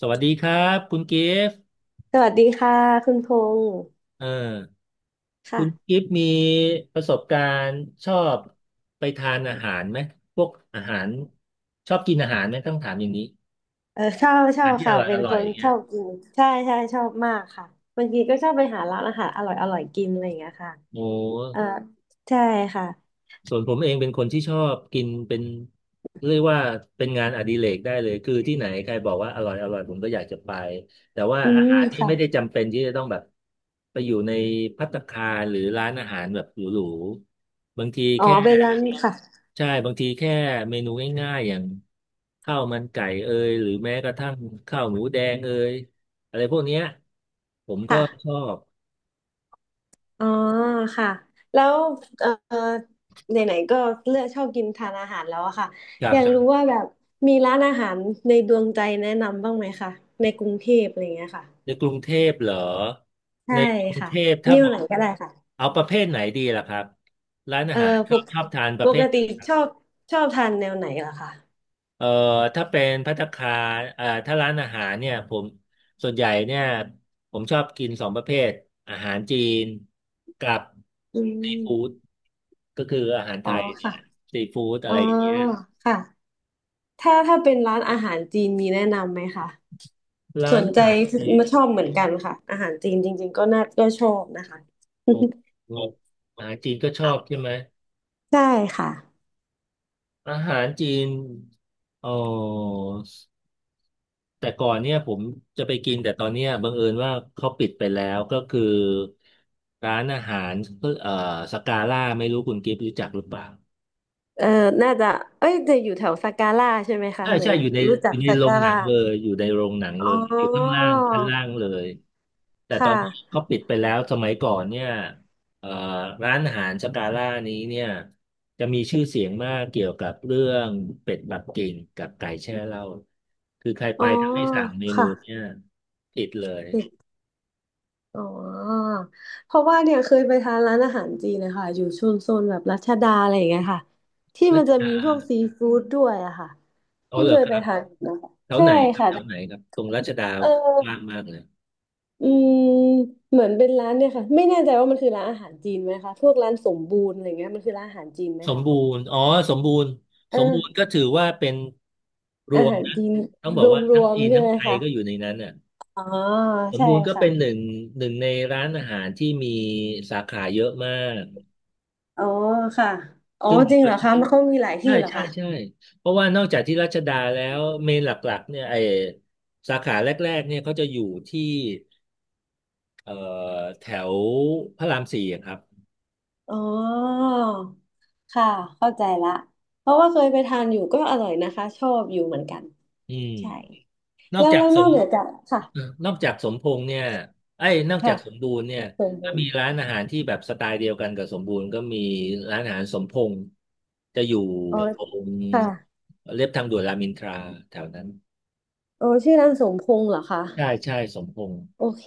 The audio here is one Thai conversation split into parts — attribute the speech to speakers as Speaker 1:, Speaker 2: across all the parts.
Speaker 1: สวัสดีครับคุณกิฟต์
Speaker 2: สวัสดีค่ะคุณพงษ์
Speaker 1: เอ่อคุณ
Speaker 2: ค่ะ
Speaker 1: กิฟต์มีประสบการณ์ชอบไปทานอาหารไหม พวกอาหารชอบกินอาหารไหมต้องถามอย่างนี้
Speaker 2: เออชอบชอ
Speaker 1: อาหาร
Speaker 2: บ
Speaker 1: ที่อ
Speaker 2: ค่ะ
Speaker 1: ร่อย
Speaker 2: เป็
Speaker 1: อ
Speaker 2: น
Speaker 1: ร่
Speaker 2: ค
Speaker 1: อย
Speaker 2: นช
Speaker 1: เนี่ย
Speaker 2: อบกินใช่ใช่ชอบมากค่ะบางทีก็ชอบไปหาร้านอาหารอร่อยอร่อยกินอะไรอย่างเงี้ยค่ะ
Speaker 1: โอ
Speaker 2: เออ
Speaker 1: ้
Speaker 2: ใช่ค่ะ
Speaker 1: ส่วนผมเองเป็นคนที่ชอบกินเป็นเรียกว่าเป็นงานอดิเรกได้เลยคือที่ไหนใครบอกว่าอร่อยอร่อยผมก็อยากจะไปแต่ว่า
Speaker 2: อื
Speaker 1: อา
Speaker 2: ม
Speaker 1: หารที่
Speaker 2: ค่ะ
Speaker 1: ไม่ได้จำเป็นที่จะต้องแบบไปอยู่ในภัตตาคารหรือร้านอาหารแบบหรูๆบางที
Speaker 2: อ๋อ
Speaker 1: แค่
Speaker 2: เป็นร้านค่ะ
Speaker 1: ใช่บางทีแค่เมนูง่ายๆอย่างข้าวมันไก่เอยหรือแม้กระทั่งข้าวหมูแดงเอยอะไรพวกเนี้ยผมก็ชอบ
Speaker 2: อ๋อค่ะแล้วเออไหนๆก็เลือกชอบกินทานอาหารแล้วอะค่ะ
Speaker 1: ครั
Speaker 2: อยากรู้
Speaker 1: บ
Speaker 2: ว่าแบบมีร้านอาหารในดวงใจแนะนำบ้างไหมคะในกรุงเทพอะไรอย่างเงี้ยค่ะ
Speaker 1: ในกรุงเทพเหรอ
Speaker 2: ใช่
Speaker 1: ในกรุง
Speaker 2: ค่ะ
Speaker 1: เทพถ้า
Speaker 2: นิ้
Speaker 1: บ
Speaker 2: ว
Speaker 1: อ
Speaker 2: ไหน
Speaker 1: ก
Speaker 2: ก็ได้ค่ะ
Speaker 1: เอาประเภทไหนดีล่ะครับร้าน
Speaker 2: เอ
Speaker 1: อา
Speaker 2: อ
Speaker 1: หารช
Speaker 2: ป
Speaker 1: อบ
Speaker 2: ก
Speaker 1: ชอบทานป
Speaker 2: ป
Speaker 1: ระเภ
Speaker 2: ก
Speaker 1: ทไหน
Speaker 2: ติชอบชอบทานแนวไหนล่ะคะ
Speaker 1: เอ่อถ้าเป็นภัตตาคารถ้าร้านอาหารเนี่ยผมส่วนใหญ่เนี่ยผมชอบกินสองประเภทอาหารจีนกับ
Speaker 2: อื
Speaker 1: ซีฟู้ด
Speaker 2: ม
Speaker 1: ก็คืออาหารไท
Speaker 2: อ๋อ
Speaker 1: ยเนี่ย
Speaker 2: ค่ะ
Speaker 1: แหละซีฟู้ดอะ
Speaker 2: อ๋อ
Speaker 1: ไรอย่างเงี้ย
Speaker 2: ค่ะถ้าเป็นร้านอาหารจีนมีแนะนำไหมคะส
Speaker 1: ร้าน
Speaker 2: น
Speaker 1: อา
Speaker 2: ใจ
Speaker 1: หารจีน
Speaker 2: มาชอบเหมือนกันค่ะอาหารจีนจริงๆก็น่าก็ชอบนะคะ
Speaker 1: โอ้โหอาหารจีนก็ชอบใช่ไหม
Speaker 2: ใช่ค่ะ
Speaker 1: อาหารจีนอ๋อ แต่ก่อนเนี่ยผมจะไปกินแต่ตอนเนี้ยบังเอิญว่าเขาปิดไปแล้วก็คือร้านอาหารเอ่อสกาล่าไม่รู้คุณกิฟต์รู้จักหรือเปล่า
Speaker 2: เออน่าจะเอ้ยจะอยู่แถวสัการ่าใช่ไหมคะ
Speaker 1: ใช่
Speaker 2: เหมือ
Speaker 1: ใช่
Speaker 2: น
Speaker 1: อยู่ใน
Speaker 2: รู้จั
Speaker 1: อ
Speaker 2: ก
Speaker 1: ยู่ใน
Speaker 2: สัก
Speaker 1: โร
Speaker 2: กา
Speaker 1: งหนั
Speaker 2: ร่า
Speaker 1: งเลยอยู่ในโรงหนังเล
Speaker 2: อ๋อ
Speaker 1: ยอยู่ข้างล่างชั้นล่างเลยแต่ตอ
Speaker 2: ค่ะ
Speaker 1: นนี้เขาปิดไปแล้วสมัยก่อนเนี่ยเอ่อร้านอาหารสกาล่านี้เนี่ยจะมีชื่อเสียงมากเกี่ยวกับเรื่องเป็ดปักกิ่งกับไก่แช่เหล้าคือใครไป
Speaker 2: อ๋อ
Speaker 1: ถ้าไม่สั่งเมนู
Speaker 2: ค่ะ
Speaker 1: เนี่ยติดเลย
Speaker 2: อ๋อเพราะว่าเนี่ยเคยไปทานร้านอาหารจีนนะคะอยู่ชุมชนแบบรัชดาอะไรอย่างเงี้ยค่ะที่
Speaker 1: รั
Speaker 2: มัน
Speaker 1: ช
Speaker 2: จะมี
Speaker 1: ดา
Speaker 2: พวกซีฟู้ดด้วยอะค่ะ
Speaker 1: อ๋อ
Speaker 2: เพิ่ง
Speaker 1: เหร
Speaker 2: เค
Speaker 1: อ
Speaker 2: ย
Speaker 1: ค
Speaker 2: ไป
Speaker 1: รับ
Speaker 2: ทานนะคะ
Speaker 1: แถว
Speaker 2: ใช่
Speaker 1: ไหนครับ
Speaker 2: ค่ะ
Speaker 1: แถวไหนครับตรงรัชดา
Speaker 2: เออ
Speaker 1: ว่างมากเลย
Speaker 2: อืมเหมือนเป็นร้านเนี่ยค่ะไม่แน่ใจว่ามันคือร้านอาหารจีนไหมคะพวกร้านสมบูรณ์อะไรเงี้ยมันคือร้านอาหารจีนไหม
Speaker 1: สม
Speaker 2: คะ
Speaker 1: บูรณ์อ๋อสมบูรณ์
Speaker 2: อ่
Speaker 1: สมบูรณ์ก็
Speaker 2: า
Speaker 1: ถือว่าเป็นร
Speaker 2: อา
Speaker 1: วม
Speaker 2: หาร
Speaker 1: นะ
Speaker 2: จีน
Speaker 1: ต้องบ
Speaker 2: ร
Speaker 1: อกว่าทั้ง
Speaker 2: วม
Speaker 1: จีน
Speaker 2: ๆใช่
Speaker 1: ทั้ง
Speaker 2: ไหม
Speaker 1: ไทยก็อยู่
Speaker 2: คะ
Speaker 1: ในนั้นอ่ะ
Speaker 2: อ๋อ
Speaker 1: สม
Speaker 2: ใช่
Speaker 1: บูรณ์ก็
Speaker 2: ค่ะ
Speaker 1: เป็นหนึ่งในร้านอาหารที่มีสาขาเยอะมาก
Speaker 2: อ๋อค่ะอ๋อ
Speaker 1: ซึ่ง
Speaker 2: จริงเหรอคะมันเขามีหลาย
Speaker 1: ใช่
Speaker 2: ที่เหรอ
Speaker 1: ใช่
Speaker 2: คะ
Speaker 1: ใช่เพราะว่านอกจากที่รัชดาแล้วเมนหลักๆเนี่ยสาขาแรกๆเนี่ยเขาจะอยู่ที่เอ่อแถวพระรามสี่อะครับ
Speaker 2: อ๋อค่ะ เข้าใจละ เพราะว่าเคยไปทานอยู่ก็อร่อยนะคะชอบอยู่เหมือนกัน
Speaker 1: อืม
Speaker 2: ใช่
Speaker 1: นอ
Speaker 2: แล้
Speaker 1: ก
Speaker 2: ว
Speaker 1: จาก
Speaker 2: แล้ว
Speaker 1: ส
Speaker 2: นอ
Speaker 1: ม
Speaker 2: กเหนือจากค่ะ
Speaker 1: เออนอกจากสมพงษ์เนี่ยไอ้ยนอกจา
Speaker 2: ค่ะ
Speaker 1: กสมบูรณ์เนี่ย
Speaker 2: สมพ
Speaker 1: ก็
Speaker 2: ง
Speaker 1: มี
Speaker 2: ษ์
Speaker 1: ร้านอาหารที่แบบสไตล์เดียวกันกับสมบูรณ์ก็มีร้านอาหารสมพงษ์จะอยู่
Speaker 2: อ๋อ
Speaker 1: ตรง
Speaker 2: ค่ะ
Speaker 1: เรียบทางด่วนรามอินทราแถวนั้น
Speaker 2: โอ้ชื่อร้านสมพงษ์เหรอคะ
Speaker 1: ใช่ใช่สมพงษ์
Speaker 2: โอเค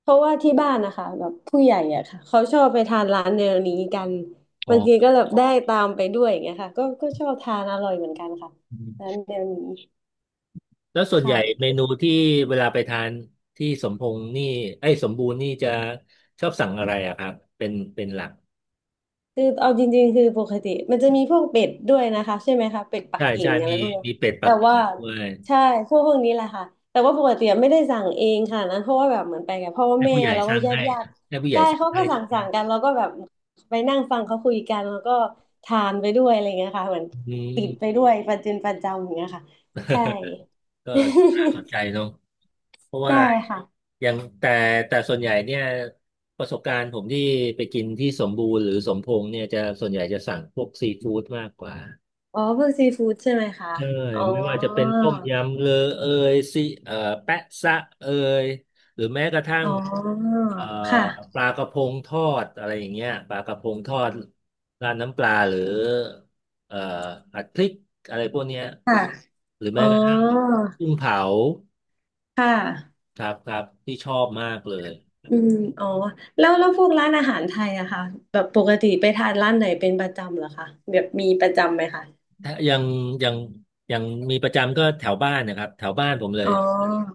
Speaker 2: เพราะว่าที่บ้านนะคะแบบผู้ใหญ่อะค่ะเขาชอบไปทานร้านแนวนี้กัน
Speaker 1: อ๋
Speaker 2: บางที
Speaker 1: อ
Speaker 2: ก็แบบได้ตามไปด้วยอย่างเงี้ยค่ะก็ชอบทานอร่อยเหมือนกันค่ะ
Speaker 1: อืม
Speaker 2: ร้านแนวนี้
Speaker 1: แล้วส่วนใหญ่
Speaker 2: ค่ะ
Speaker 1: เมนูที่เวลาไปทานที่สมพงษ์นี่ไอ้ยสมบูรณ์นี่จะชอบสั่งอะไรอะครับเป็นหลัก
Speaker 2: คือเอาจริงๆคือปกติมันจะมีพวกเป็ดด้วยนะคะใช่ไหมคะเป็ดปัก
Speaker 1: ใช่
Speaker 2: กิ่
Speaker 1: ใช่
Speaker 2: งอะ
Speaker 1: มี
Speaker 2: ไรพวกนี้
Speaker 1: มีเป็ดปั
Speaker 2: แต่
Speaker 1: ก
Speaker 2: ว่า
Speaker 1: กิ่งด้วย
Speaker 2: ใช่พวกนี้แหละค่ะแต่ว่าปกติไม่ได้สั่งเองค่ะนั้นเพราะว่าแบบเหมือนไปกับพ่อ
Speaker 1: ให้
Speaker 2: แม่
Speaker 1: ผู้ใหญ่
Speaker 2: แล้ว
Speaker 1: ส
Speaker 2: ก็
Speaker 1: ร้าง
Speaker 2: ญาติ
Speaker 1: ให้
Speaker 2: ญาติ
Speaker 1: ให้ผู้ใหญ่
Speaker 2: ใช่
Speaker 1: สั่ง
Speaker 2: เขาก็
Speaker 1: ให้
Speaker 2: สั่งกันแล้วก็แบบไปนั่งฟังเขาคุยกันแล้วก็ทานไปด้วยอะไรเงี้ยค่ะเหมือน
Speaker 1: อื
Speaker 2: ติดไป
Speaker 1: ม
Speaker 2: ด้วยประจินประจำอย่างเงี้ยค่ะใช่
Speaker 1: ก็น่าสน ใจเนาะเพราะว่า
Speaker 2: ใช่ค่ะ
Speaker 1: อยางแต่แต่ส่วนใหญ่เนี่ยประสบการณ์ผมที่ไปกินที่สมบูรณ์หรือสมพงษ์เนี่ยจะส่วนใหญ่จะสั่งพวกซีฟู้ดมากกว่า
Speaker 2: อ๋อพวกซีฟู้ดใช่ไหมคะ
Speaker 1: ใช่
Speaker 2: อ๋อ
Speaker 1: ไม่ว่าจะเป็นต้มยำเลอเอยซีเอ่อแปะซะเอยหรือแม้กระทั่ง
Speaker 2: อ๋อ
Speaker 1: เอ่อ
Speaker 2: ค
Speaker 1: ป
Speaker 2: ่ะ
Speaker 1: ลากระพงทอดอะไรอย่างเงี้ยปลากระพงทอดราดน้ำปลาหรือเอ่อผัดพริกอะไรพวกเนี้ย
Speaker 2: ค่ะ
Speaker 1: หรือ
Speaker 2: อ๋อ
Speaker 1: แม้กระทั่งกุ้งเผา
Speaker 2: ค่ะ
Speaker 1: ครับครับที่ชอบมากเลย
Speaker 2: อืมอ๋อแล้วพวกร้านอาหารไทยอะค่ะแบบปกติไปทานร้านไหนเป็นประจำเหรอคะแบบมีประจำไหมคะ
Speaker 1: ถ้ายังยังมีประจำก็แถวบ้านนะครับแถวบ้านผมเลย
Speaker 2: อ๋อ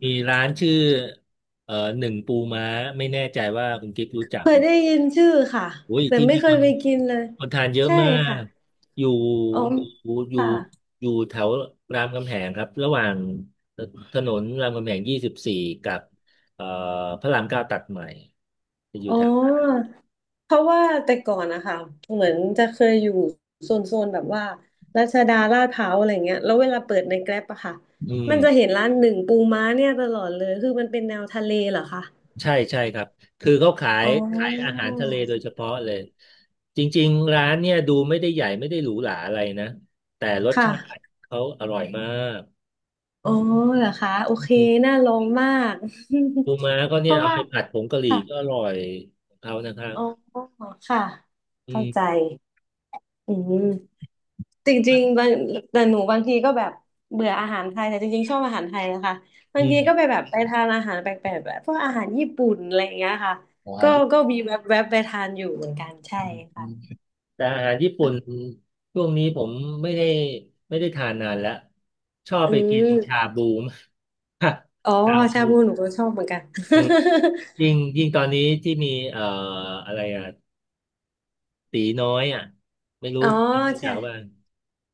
Speaker 1: มีร้านชื่อเอ่อหนึ่งปูม้าไม่แน่ใจว่าคุณกิ๊ฟรู้จัก
Speaker 2: เค
Speaker 1: ไห
Speaker 2: ย
Speaker 1: ม
Speaker 2: ได้ยินชื่อค่ะ
Speaker 1: โอ้ย
Speaker 2: แต่
Speaker 1: ที่
Speaker 2: ไม่
Speaker 1: นี่
Speaker 2: เค
Speaker 1: ค
Speaker 2: ย
Speaker 1: น
Speaker 2: ไปกินเลย
Speaker 1: คนทานเยอะ
Speaker 2: ใช่
Speaker 1: มา
Speaker 2: ค่ะ
Speaker 1: กอยู่
Speaker 2: อ๋อ
Speaker 1: อยู่อยู่
Speaker 2: ค่ะ
Speaker 1: อยู่แถวรามคำแหงครับระหว่างถนนรามคำแหง24กับเอ่อพระราม9ตัดใหม่จะอยู่
Speaker 2: อ๋
Speaker 1: แถว
Speaker 2: อเพราะว่าแต่ก่อนนะคะเหมือนจะเคยอยู่โซนแบบว่ารัชดาลาดพร้าวอะไรเงี้ยแล้วเวลาเปิดในแกร็บอะค่ะ
Speaker 1: อืม
Speaker 2: มันจะเห็นร้านหนึ่งปูม้าเนี่ยตลอดเลยคือมันเป็นแนวทะเลเหรอคะ
Speaker 1: ใช่ใช่ครับคือเขาขาย
Speaker 2: อ๋อ
Speaker 1: ขายอาหารทะเลโดยเฉพาะเลยจริงๆร้านเนี่ยดูไม่ได้ใหญ่ไม่ได้หรูหราอะไรนะแต่รส
Speaker 2: ค่ะ
Speaker 1: ชาติเขาอร่อยมาก
Speaker 2: อ๋อเหรอคะโอเคน่าลองมาก
Speaker 1: ปูม้าก็
Speaker 2: เพ
Speaker 1: เนี่ย
Speaker 2: ราะ
Speaker 1: เอา
Speaker 2: ว่า
Speaker 1: ไปผัดผงกะหรี่
Speaker 2: ค่ะ
Speaker 1: ก็อร่อยของเขานะครับ
Speaker 2: อ๋อค่ะ
Speaker 1: อื
Speaker 2: เข้าใจ
Speaker 1: ม
Speaker 2: อืมจริงๆบางแต่หนูบางทีก็แบบเบื่ออาหารไทยแต่จริงๆชอบอาหารไทยนะคะบา
Speaker 1: อื
Speaker 2: งทีก็ไป
Speaker 1: ม
Speaker 2: แบบไปทานอาหารแปลกๆแบบพวกอาหารญี่ปุ่นอะไรอย่างเงี้ยค่ะ
Speaker 1: อาหา
Speaker 2: ก็
Speaker 1: รญี่
Speaker 2: ก็
Speaker 1: ปุ่
Speaker 2: มีแวบๆไปทานอยู่เหมือนกันใช่
Speaker 1: น
Speaker 2: ค่ะ
Speaker 1: แต่อาหารญี่ปุ่นช่วงนี้ผมไม่ได้ไม่ได้ทานนานแล้วชอบ
Speaker 2: อื
Speaker 1: ไปกิน
Speaker 2: ม
Speaker 1: ชาบูมาก
Speaker 2: อ๋อ
Speaker 1: ชา
Speaker 2: ชา
Speaker 1: บู
Speaker 2: บูหนูก็ชอบเหมือนกัน
Speaker 1: เออยิ่งยิ่งตอนนี้ที่มีอะไรอ่ะ ตีน้อยอ่ะไม่รู้
Speaker 2: อ๋อ
Speaker 1: รู้จั
Speaker 2: ใช่
Speaker 1: กบ้าง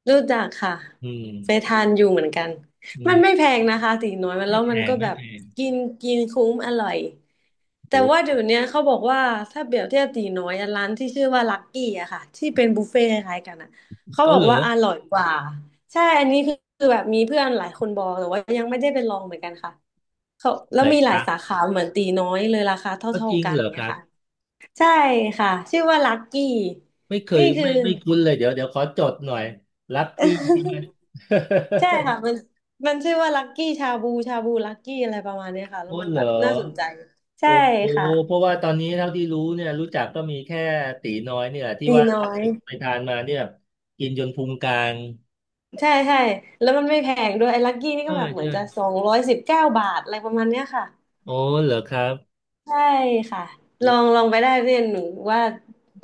Speaker 2: รู้จักค่ะ
Speaker 1: อืม
Speaker 2: ไปทานอยู่เหมือนกัน
Speaker 1: อื
Speaker 2: มัน
Speaker 1: ม
Speaker 2: ไม่แพงนะคะตีน้อยมัน
Speaker 1: ไม่
Speaker 2: แล้ว
Speaker 1: แพ
Speaker 2: มัน
Speaker 1: ง
Speaker 2: ก็
Speaker 1: ไม่
Speaker 2: แบบ
Speaker 1: แพง
Speaker 2: กินกินคุ้มอร่อย
Speaker 1: โอ
Speaker 2: แต่ว่า
Speaker 1: ้
Speaker 2: เดี๋ยวเนี้ยเขาบอกว่าถ้าเปรียบเทียบตีน้อยอะร้านที่ชื่อว่าลักกี้อะค่ะที่เป็นบุฟเฟ่ต์คล้ายๆกันอะเขา
Speaker 1: เกา
Speaker 2: บอก
Speaker 1: เหลอ
Speaker 2: ว่าอร่อยกว่าใช่อันนี้คือคือแบบมีเพื่อนหลายคนบอกแต่ว่ายังไม่ได้ไปลองเหมือนกันค่ะเขาแล้
Speaker 1: ไห
Speaker 2: ว
Speaker 1: น
Speaker 2: มีห
Speaker 1: ค
Speaker 2: ลาย
Speaker 1: รั
Speaker 2: สา
Speaker 1: บ
Speaker 2: ขาเหมือนตีน้อยเลยราคา
Speaker 1: ก็
Speaker 2: เท่า
Speaker 1: จริง
Speaker 2: ๆกัน
Speaker 1: เหร
Speaker 2: อย่า
Speaker 1: อ
Speaker 2: ง
Speaker 1: ค
Speaker 2: เงี้ย
Speaker 1: รับ
Speaker 2: ค่ะใช่ค่ะชื่อว่าลักกี้
Speaker 1: ไม่เค
Speaker 2: นี่
Speaker 1: ย
Speaker 2: คือ
Speaker 1: ไม่คุ้นเลยเดี๋ยวขอจดหน่อยลักกี้ใช่ไหม
Speaker 2: ใช่ค่ะ มันมันชื่อว่าลักกี้ชาบูชาบูลักกี้อะไรประมาณเนี้ยค่ะแล้ว
Speaker 1: พูด
Speaker 2: มั น
Speaker 1: เหร
Speaker 2: แบบ
Speaker 1: อ
Speaker 2: น่าสนใจใช่
Speaker 1: โอ้โห
Speaker 2: ค่ะ
Speaker 1: เพราะว่าตอนนี้เท่าที่รู้เนี่ยรู้จักก็มีแค่ตีน้อยเนี่ยแหละที่
Speaker 2: ตี
Speaker 1: ว่า
Speaker 2: น้
Speaker 1: ล่า
Speaker 2: อย
Speaker 1: สุดไปทานมาเนี่ยกินจนพุงกลาง
Speaker 2: ใช่ใช่แล้วมันไม่แพงด้วยไอ้ลักกี้นี่
Speaker 1: ใช่
Speaker 2: ก็แบบเหมือ
Speaker 1: ใช่
Speaker 2: นจะ219 บาทอะไรประมาณเนี้ยค่ะ
Speaker 1: โอ้เหรอครับ
Speaker 2: ใช่ค่ะลองไปได้เพื่อนหนูว่า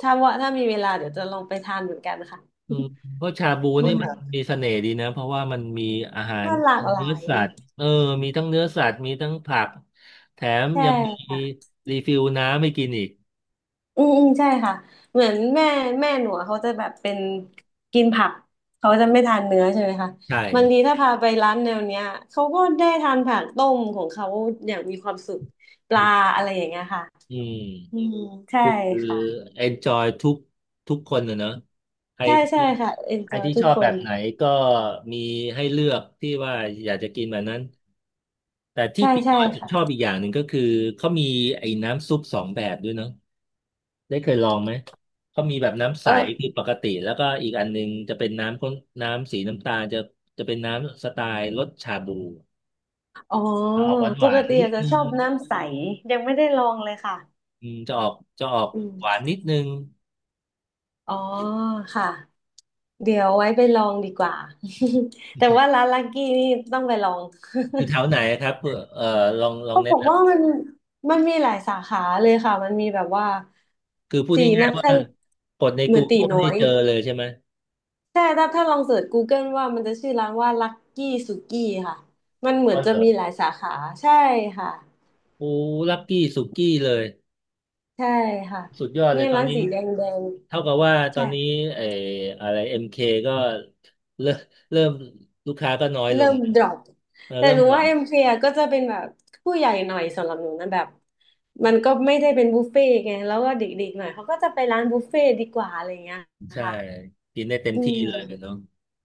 Speaker 2: ว่าถ้ามีเวลาเดี๋ยวจะลองไปทานเหมือนกันค่ะ
Speaker 1: อืมเพราะชาบู
Speaker 2: อือ
Speaker 1: นี่
Speaker 2: ม
Speaker 1: มั
Speaker 2: รั
Speaker 1: นมีเสน่ห์ดีนะเพราะว่ามันมีอาหาร
Speaker 2: มันหลาก
Speaker 1: มี
Speaker 2: ห
Speaker 1: เนื้
Speaker 2: ลา
Speaker 1: อ
Speaker 2: ย
Speaker 1: สัตว์มีทั้งเนื้อสัตว์มีทั้งผักแถม
Speaker 2: ใช่
Speaker 1: ยังมีรีฟิลน้ำให้กินอีก
Speaker 2: อืมอืมใช่ค่ะเหมือนแม่หนูอะเขาจะแบบเป็นกินผักเขาจะไม่ทานเนื้อใช่ไหมคะ
Speaker 1: ใช่
Speaker 2: บางทีถ้าพาไปร้านแนวเนี้ยเขาก็ได้ทานผักต้มของเขาอย่างมีความสุขป
Speaker 1: อื
Speaker 2: ลา
Speaker 1: ม
Speaker 2: อะไรอย่างเงี้ยค่ะ
Speaker 1: อื
Speaker 2: อื
Speaker 1: ม
Speaker 2: มใช่
Speaker 1: คือ
Speaker 2: ค่ะ
Speaker 1: enjoy ทุกคนนะเนอะใคร
Speaker 2: ใช่
Speaker 1: ที่
Speaker 2: ใช่ค่ะ
Speaker 1: ใคร
Speaker 2: enjoy
Speaker 1: ที่
Speaker 2: ทุ
Speaker 1: ช
Speaker 2: ก
Speaker 1: อบ
Speaker 2: ค
Speaker 1: แบ
Speaker 2: น
Speaker 1: บไหนก็มีให้เลือกที่ว่าอยากจะกินแบบนั้นแต่ที่
Speaker 2: ใช่
Speaker 1: ติด
Speaker 2: ใช่
Speaker 1: น้อยผม
Speaker 2: ค่ะ
Speaker 1: ชอบอีกอย่างหนึ่งก็คือเขามีไอ้น้ำซุปสองแบบด้วยเนอะ ได้เคยลองไหม เขามีแบบน้ำใส
Speaker 2: เอ
Speaker 1: คื
Speaker 2: อ
Speaker 1: อปกติแล้วก็อีกอันนึงจะเป็นน้ำข้นน้ำสีน้ำตาลจะเป็นน้ำสไตล์รสชาบู
Speaker 2: อ๋อ
Speaker 1: ออกหวานห
Speaker 2: ป
Speaker 1: วา
Speaker 2: ก
Speaker 1: น
Speaker 2: ติ
Speaker 1: นิด
Speaker 2: อาจจะ
Speaker 1: นึ
Speaker 2: ชอบ
Speaker 1: ง
Speaker 2: น้ำใสยังไม่ได้ลองเลยค่ะ
Speaker 1: อืมจะออกจะออก
Speaker 2: อื
Speaker 1: หวาน
Speaker 2: ม
Speaker 1: นิดนึง
Speaker 2: อ๋อค่ะเดี๋ยวไว้ไปลองดีกว่า แต่ว่าร้านลักกี้นี่ต้องไปลอง
Speaker 1: อยู่แถวไหนครับเพื่อลอง
Speaker 2: เขา
Speaker 1: แนะ
Speaker 2: บอก
Speaker 1: น
Speaker 2: ว่ามันมีหลายสาขาเลยค่ะมันมีแบบว่า
Speaker 1: ำคือพูด
Speaker 2: สี
Speaker 1: ง่า
Speaker 2: นั
Speaker 1: ย
Speaker 2: ก
Speaker 1: ๆ
Speaker 2: ค
Speaker 1: ว่ากดใน
Speaker 2: เหมือนตี
Speaker 1: Google
Speaker 2: น้อ
Speaker 1: นี่
Speaker 2: ย
Speaker 1: เจอเลยใช่ไหม
Speaker 2: ใช่ถ้าลองเสิร์ชกูเกิลว่ามันจะชื่อร้านว่าลักกี้สุกี้ค่ะมันเหมือ
Speaker 1: ก็
Speaker 2: นจะ
Speaker 1: เหรอ
Speaker 2: มีหลายสาขาใช่ค่ะ
Speaker 1: โอ้ลักกี้สุกี้เลย
Speaker 2: ใช่ค่ะ
Speaker 1: สุดยอดเล
Speaker 2: เนี่
Speaker 1: ย
Speaker 2: ย
Speaker 1: ตอน
Speaker 2: ร้าน
Speaker 1: นี้
Speaker 2: สีแดงแดง
Speaker 1: เท่ากับว่าตอ
Speaker 2: ใช่
Speaker 1: นนี้ไอ้อะไร MK ก็เริ่มเริ่มลูกค้าก็น้อยล
Speaker 2: เริ่
Speaker 1: ง
Speaker 2: ม drop
Speaker 1: เออ
Speaker 2: แต่
Speaker 1: เริ่
Speaker 2: ห
Speaker 1: ม
Speaker 2: นู
Speaker 1: ดรอ
Speaker 2: ว่า
Speaker 1: ป
Speaker 2: เอ็มเฟียก็จะเป็นแบบผู้ใหญ่หน่อยสำหรับหนูนะแบบมันก็ไม่ได้เป็นบุฟเฟ่ต์ไงแล้วก็เด็กๆหน่อยเขาก็จะไปร้านบุฟเฟ่ต์ดีกว่าอะไรเงี้ย
Speaker 1: ใช่
Speaker 2: ค่ะ
Speaker 1: กินได้เต็ม
Speaker 2: อื
Speaker 1: ที่
Speaker 2: ม
Speaker 1: เลยเนาะ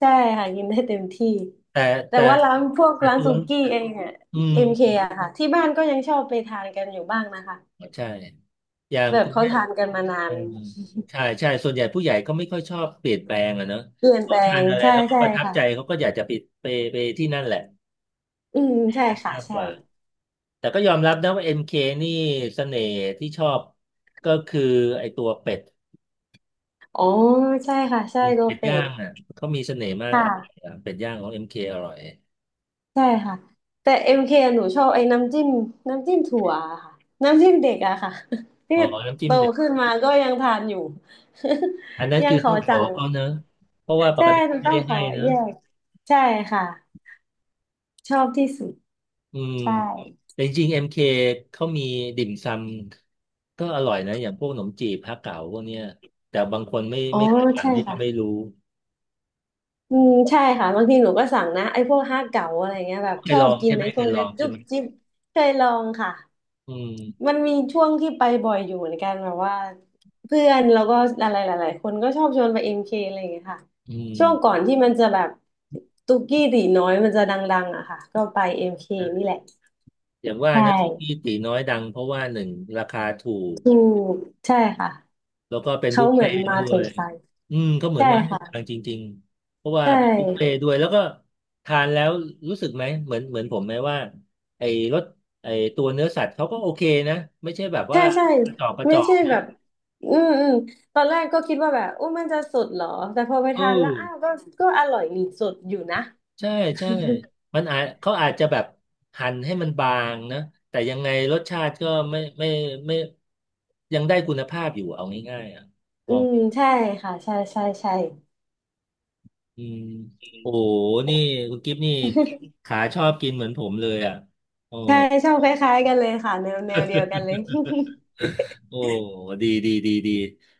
Speaker 2: ใช่ค่ะกินได้เต็มที่
Speaker 1: แต่
Speaker 2: แต่
Speaker 1: แต่
Speaker 2: ว่าร้านพวก
Speaker 1: แต่
Speaker 2: ร้าน
Speaker 1: ตัว
Speaker 2: ซูกี้เองอะ
Speaker 1: อื
Speaker 2: เอ็มเค
Speaker 1: ม
Speaker 2: อะค่ะที่บ้านก็ยังชอบไปทานกันอยู่บ้างนะคะ
Speaker 1: ใช่อย่าง
Speaker 2: แบบ
Speaker 1: คุณ
Speaker 2: เขา
Speaker 1: แม่
Speaker 2: ทานกันมานา
Speaker 1: เออ
Speaker 2: น
Speaker 1: ใช่ส่วนใหญ่ผู้ใหญ่ก็ไม่ค่อยชอบเปลี่ยนแปลงอะเนอะ
Speaker 2: เปลี่ยนแป
Speaker 1: เขา
Speaker 2: ล
Speaker 1: ทา
Speaker 2: ง
Speaker 1: นอะไร
Speaker 2: ใช่
Speaker 1: แล้วก็
Speaker 2: ใช่
Speaker 1: ประทับ
Speaker 2: ค่ะ
Speaker 1: ใจเขาก็อยากจะไปไปที่นั่นแหละ
Speaker 2: อืมใช่ค่ะ
Speaker 1: มากก
Speaker 2: ใช่
Speaker 1: ว่าแต่ก็ยอมรับนะว่า m คนี่เสน่ห์ที่ชอบก็คือไอตัวเป็ด
Speaker 2: อ๋อใช่ค่ะใช่โก
Speaker 1: เป็ด
Speaker 2: เป็
Speaker 1: ย่า
Speaker 2: ด
Speaker 1: งอ่ะเขามีเสน่ห์มา
Speaker 2: ค
Speaker 1: กอะ
Speaker 2: ่ะ
Speaker 1: เป็ดย่างของเ k อร่อย
Speaker 2: ใช่ค่ะแต่เอ็มเคหนูชอบไอ้น้ำจิ้มน้ำจิ้มถั่วอะค่ะน้ำจิ้มเด็กอะค่ะ ที่
Speaker 1: อ๋อน้ำจิ้
Speaker 2: โต
Speaker 1: มเด็ด
Speaker 2: ขึ้นมาก็ยังทานอยู่
Speaker 1: อันนั้น
Speaker 2: ยั
Speaker 1: คื
Speaker 2: ง
Speaker 1: อ
Speaker 2: ข
Speaker 1: ต้
Speaker 2: อ
Speaker 1: องขอ
Speaker 2: สั่ง
Speaker 1: เขาเนอะเพราะว่าป
Speaker 2: ใช่
Speaker 1: กติ
Speaker 2: หนู
Speaker 1: ไม่
Speaker 2: ต้อ
Speaker 1: ได้
Speaker 2: งข
Speaker 1: ให้
Speaker 2: อ
Speaker 1: เนอะ
Speaker 2: แยกใช่ค่ะชอบที่สุด
Speaker 1: อืม
Speaker 2: ใช่
Speaker 1: แต่จริงๆ MK เคเขามีติ่มซำก็อร่อยนะอย่างพวกขนมจีบฮะเก๋าพวกเนี้ยแต่บางคนไม่
Speaker 2: โอ้
Speaker 1: ไม่เคยทาน
Speaker 2: ใช่
Speaker 1: ไม่จะไม่
Speaker 2: ค่ะ
Speaker 1: รู้
Speaker 2: อืมใช่ค่ะบางทีหนูก็สั่งนะไอ้พวกห้าเก๋าอะไรเงี้ยแบบชอบกินไอ้พ
Speaker 1: เค
Speaker 2: วก
Speaker 1: ยลอ
Speaker 2: นั้น
Speaker 1: งใช่
Speaker 2: จุ๊
Speaker 1: ไห
Speaker 2: บ
Speaker 1: ม
Speaker 2: จิ๊บเคยลองค่ะ
Speaker 1: อืม
Speaker 2: มันมีช่วงที่ไปบ่อยอยู่เหมือนกันแบบว่าเพื่อนแล้วก็อะไรหลายๆ คนก็ชอบชวนไปเอ็มเคอะไรอย่างเงี้ยค่ะ
Speaker 1: อื
Speaker 2: ช่วงก่อ
Speaker 1: ม
Speaker 2: นที่มันจะแบบตุกกี้ตีน้อยมันจะดังๆอะค่ะก็ไปเอ็มเคนี่แหละ
Speaker 1: อย่างว่า
Speaker 2: ใช่
Speaker 1: นะสุกี้ตีน้อยดังเพราะว่าหนึ่งราคาถูก
Speaker 2: ถูกใช่ค่ะ
Speaker 1: แล้วก็เป็นบุ
Speaker 2: เขา
Speaker 1: ฟ
Speaker 2: เหมื
Speaker 1: เฟ่
Speaker 2: อน
Speaker 1: ต์
Speaker 2: มา
Speaker 1: ด้ว
Speaker 2: ถู
Speaker 1: ย
Speaker 2: กใจ
Speaker 1: อืมก็เหมือน
Speaker 2: ใช่
Speaker 1: มาถูก
Speaker 2: ค่ะ
Speaker 1: ทางจริงๆเพราะว่า
Speaker 2: ใช
Speaker 1: เป็นบุฟเฟ่
Speaker 2: ่
Speaker 1: ต์ด้วยแล้วก็ทานแล้วรู้สึกไหมเหมือนผมไหมว่าไอ้รสไอ้ตัวเนื้อสัตว์เขาก็โอเคนะไม่ใช่แบบ
Speaker 2: ใช่
Speaker 1: ว่า
Speaker 2: ใช่
Speaker 1: กระจอกกระจ
Speaker 2: ไม่
Speaker 1: อก
Speaker 2: ใช่แบบอืมอืมตอนแรกก็คิดว่าแบบโอ้มันจะสดเหรอแต่พอไป
Speaker 1: เอ
Speaker 2: ทานแล้ว
Speaker 1: อ
Speaker 2: อ้าวก็ก็อร่อยดีสดอยู่นะ
Speaker 1: ใช่ใช่มันอาจเขาอาจจะแบบหั่นให้มันบางนะแต่ยังไงรสชาติก็ไม่ยังได้คุณภาพอยู่เอาง่ายๆอ่ะม
Speaker 2: อื
Speaker 1: อง
Speaker 2: มใช่ค่ะใช่ใช่ใช่
Speaker 1: อืมโอ้โหนี่คุณกิฟนี่ขาชอบกินเหมือนผมเลยอ่ะโอ้
Speaker 2: ใช่ชอบคล้ายๆกันเลยค่ะแนวแนวเดียวกันเลย
Speaker 1: โอ้ดี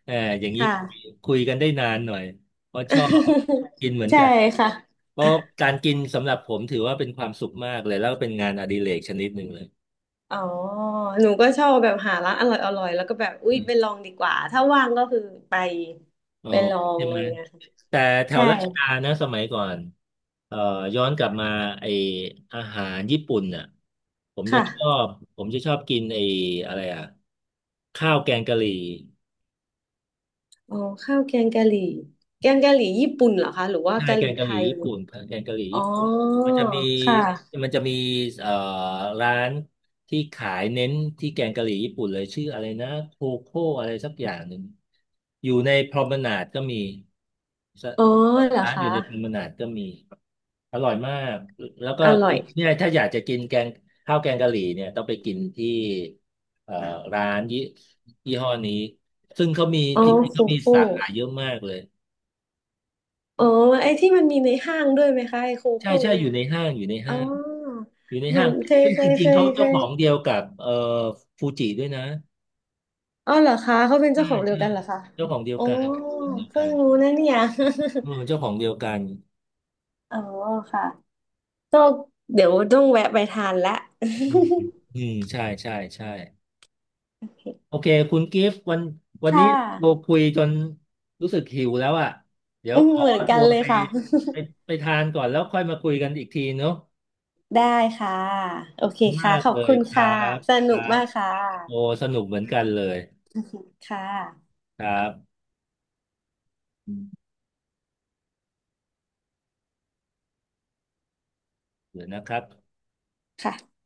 Speaker 1: เอออย่าง นี้
Speaker 2: ค่ะ
Speaker 1: คุยกันได้นานหน่อยเพราะชอบกินเหมือ น
Speaker 2: ใช่
Speaker 1: กัน
Speaker 2: ค่ะ
Speaker 1: เพราะการกินสำหรับผมถือว่าเป็นความสุขมากเลยแล้วก็เป็นงานอดิเรกชนิดหนึ่งเลย
Speaker 2: อ๋อหนูก็ชอบแบบหาร้านอร่อยอร่อยแล้วก็แบบอุ๊ย
Speaker 1: อืม
Speaker 2: ไปลองดีกว่าถ้าว่างก็คือไป
Speaker 1: อ๋อ
Speaker 2: ไปลอง
Speaker 1: ใช่
Speaker 2: อะ
Speaker 1: ไห
Speaker 2: ไร
Speaker 1: ม
Speaker 2: อย่างเงี้ยค่ะ
Speaker 1: แต่แถว
Speaker 2: ใช่
Speaker 1: รัชดานะสมัยก่อนเอ่อย้อนกลับมาไออาหารญี่ปุ่นน่ะผม
Speaker 2: ค
Speaker 1: จะชอ
Speaker 2: ่ะ
Speaker 1: บผมจะชอบกินไออะไรอ่ะข้าวแกงกะหรี่
Speaker 2: อ๋อข้าวแกงกะหรี่แกงกะหรี่ญี่ปุ่นเหรอคะหรือว่า
Speaker 1: ใช่
Speaker 2: กะหรี่ไทย
Speaker 1: แกงกะหรี่
Speaker 2: อ๋อ
Speaker 1: ญี่ปุ่นมันจะมี
Speaker 2: ค่ะ
Speaker 1: มันจะมีเอ่อร้านที่ขายเน้นที่แกงกะหรี่ญี่ปุ่นเลยชื่ออะไรนะโคโค่อะไรสักอย่างหนึ่งอยู่ในพรอมนาดก็มีสร
Speaker 2: อ๋อเหรอ
Speaker 1: ้านอ
Speaker 2: คะ
Speaker 1: ยู่ในพรอมนาดก็มีอร่อยมากแล้วก็
Speaker 2: อร่อย
Speaker 1: เนี่ยถ้าอยากจะกินแกงข้าวแกงกะหรี่เนี่ยต้องไปกินที่เอ่อร้านยี่ห้อนี้ซึ่งเขามี
Speaker 2: อ๋อ
Speaker 1: จริงๆ
Speaker 2: โค
Speaker 1: เขามี
Speaker 2: โค่
Speaker 1: สาขาเยอะมากเลย
Speaker 2: อ๋อไอ้ที่มันมีในห้างด้วยไหมคะไอ้โค
Speaker 1: ใช่
Speaker 2: โค่
Speaker 1: ใช่
Speaker 2: เนี่
Speaker 1: อ
Speaker 2: ย
Speaker 1: ยู่ใน
Speaker 2: ค่ะ
Speaker 1: ห้างอยู่ใน
Speaker 2: อ๋อ
Speaker 1: ห้างอยู่ใน
Speaker 2: มั
Speaker 1: ห้า
Speaker 2: น
Speaker 1: ง
Speaker 2: เคย
Speaker 1: ซึ่ง
Speaker 2: เค
Speaker 1: จ
Speaker 2: ย
Speaker 1: ริ
Speaker 2: เค
Speaker 1: งๆเขา
Speaker 2: ยเค
Speaker 1: เจ้าข
Speaker 2: ย
Speaker 1: องเดียวกับฟูจิด้วยนะ
Speaker 2: อ๋อเหรอคะเขาเป็น
Speaker 1: ใช่
Speaker 2: เจ้าของเดีย
Speaker 1: ใช่
Speaker 2: วกันเหรอคะ
Speaker 1: เจ้าของเดียว
Speaker 2: อ๋อ
Speaker 1: กันเจ้าของเดียว
Speaker 2: เพิ่
Speaker 1: กั
Speaker 2: ง
Speaker 1: น
Speaker 2: รู้นะเนี่ย
Speaker 1: เออเจ้าของเดียวกัน
Speaker 2: อ๋อค่ะก็เดี๋ยวต้องแวะไปทานละ
Speaker 1: อืมอืมใช่โอเคคุณกิฟต์วันวั น
Speaker 2: ค่
Speaker 1: นี้เรา
Speaker 2: ะ
Speaker 1: คุยจนรู้สึกหิวแล้วอ่ะเดี๋ยว
Speaker 2: อืม
Speaker 1: ขอ
Speaker 2: เหมือนกั
Speaker 1: ตั
Speaker 2: น
Speaker 1: ว
Speaker 2: เลย
Speaker 1: ไป
Speaker 2: ค่ะ
Speaker 1: ไปไปทานก่อนแล้วค่อยมาคุยกันอีกทีเนาะ
Speaker 2: ได้ค่ะ โอเค
Speaker 1: มา
Speaker 2: ค่ะ
Speaker 1: ก
Speaker 2: ขอ
Speaker 1: เล
Speaker 2: บ
Speaker 1: ย
Speaker 2: คุณ
Speaker 1: ครั
Speaker 2: ค่ะ
Speaker 1: บ
Speaker 2: ส
Speaker 1: ค
Speaker 2: นุ
Speaker 1: รั
Speaker 2: ก
Speaker 1: บ
Speaker 2: มากค่ะ
Speaker 1: โอ้สนุกเหมือนกันเลย
Speaker 2: ค่ะ
Speaker 1: ครับอืมเดี๋ยวนะครับ
Speaker 2: ค่ะ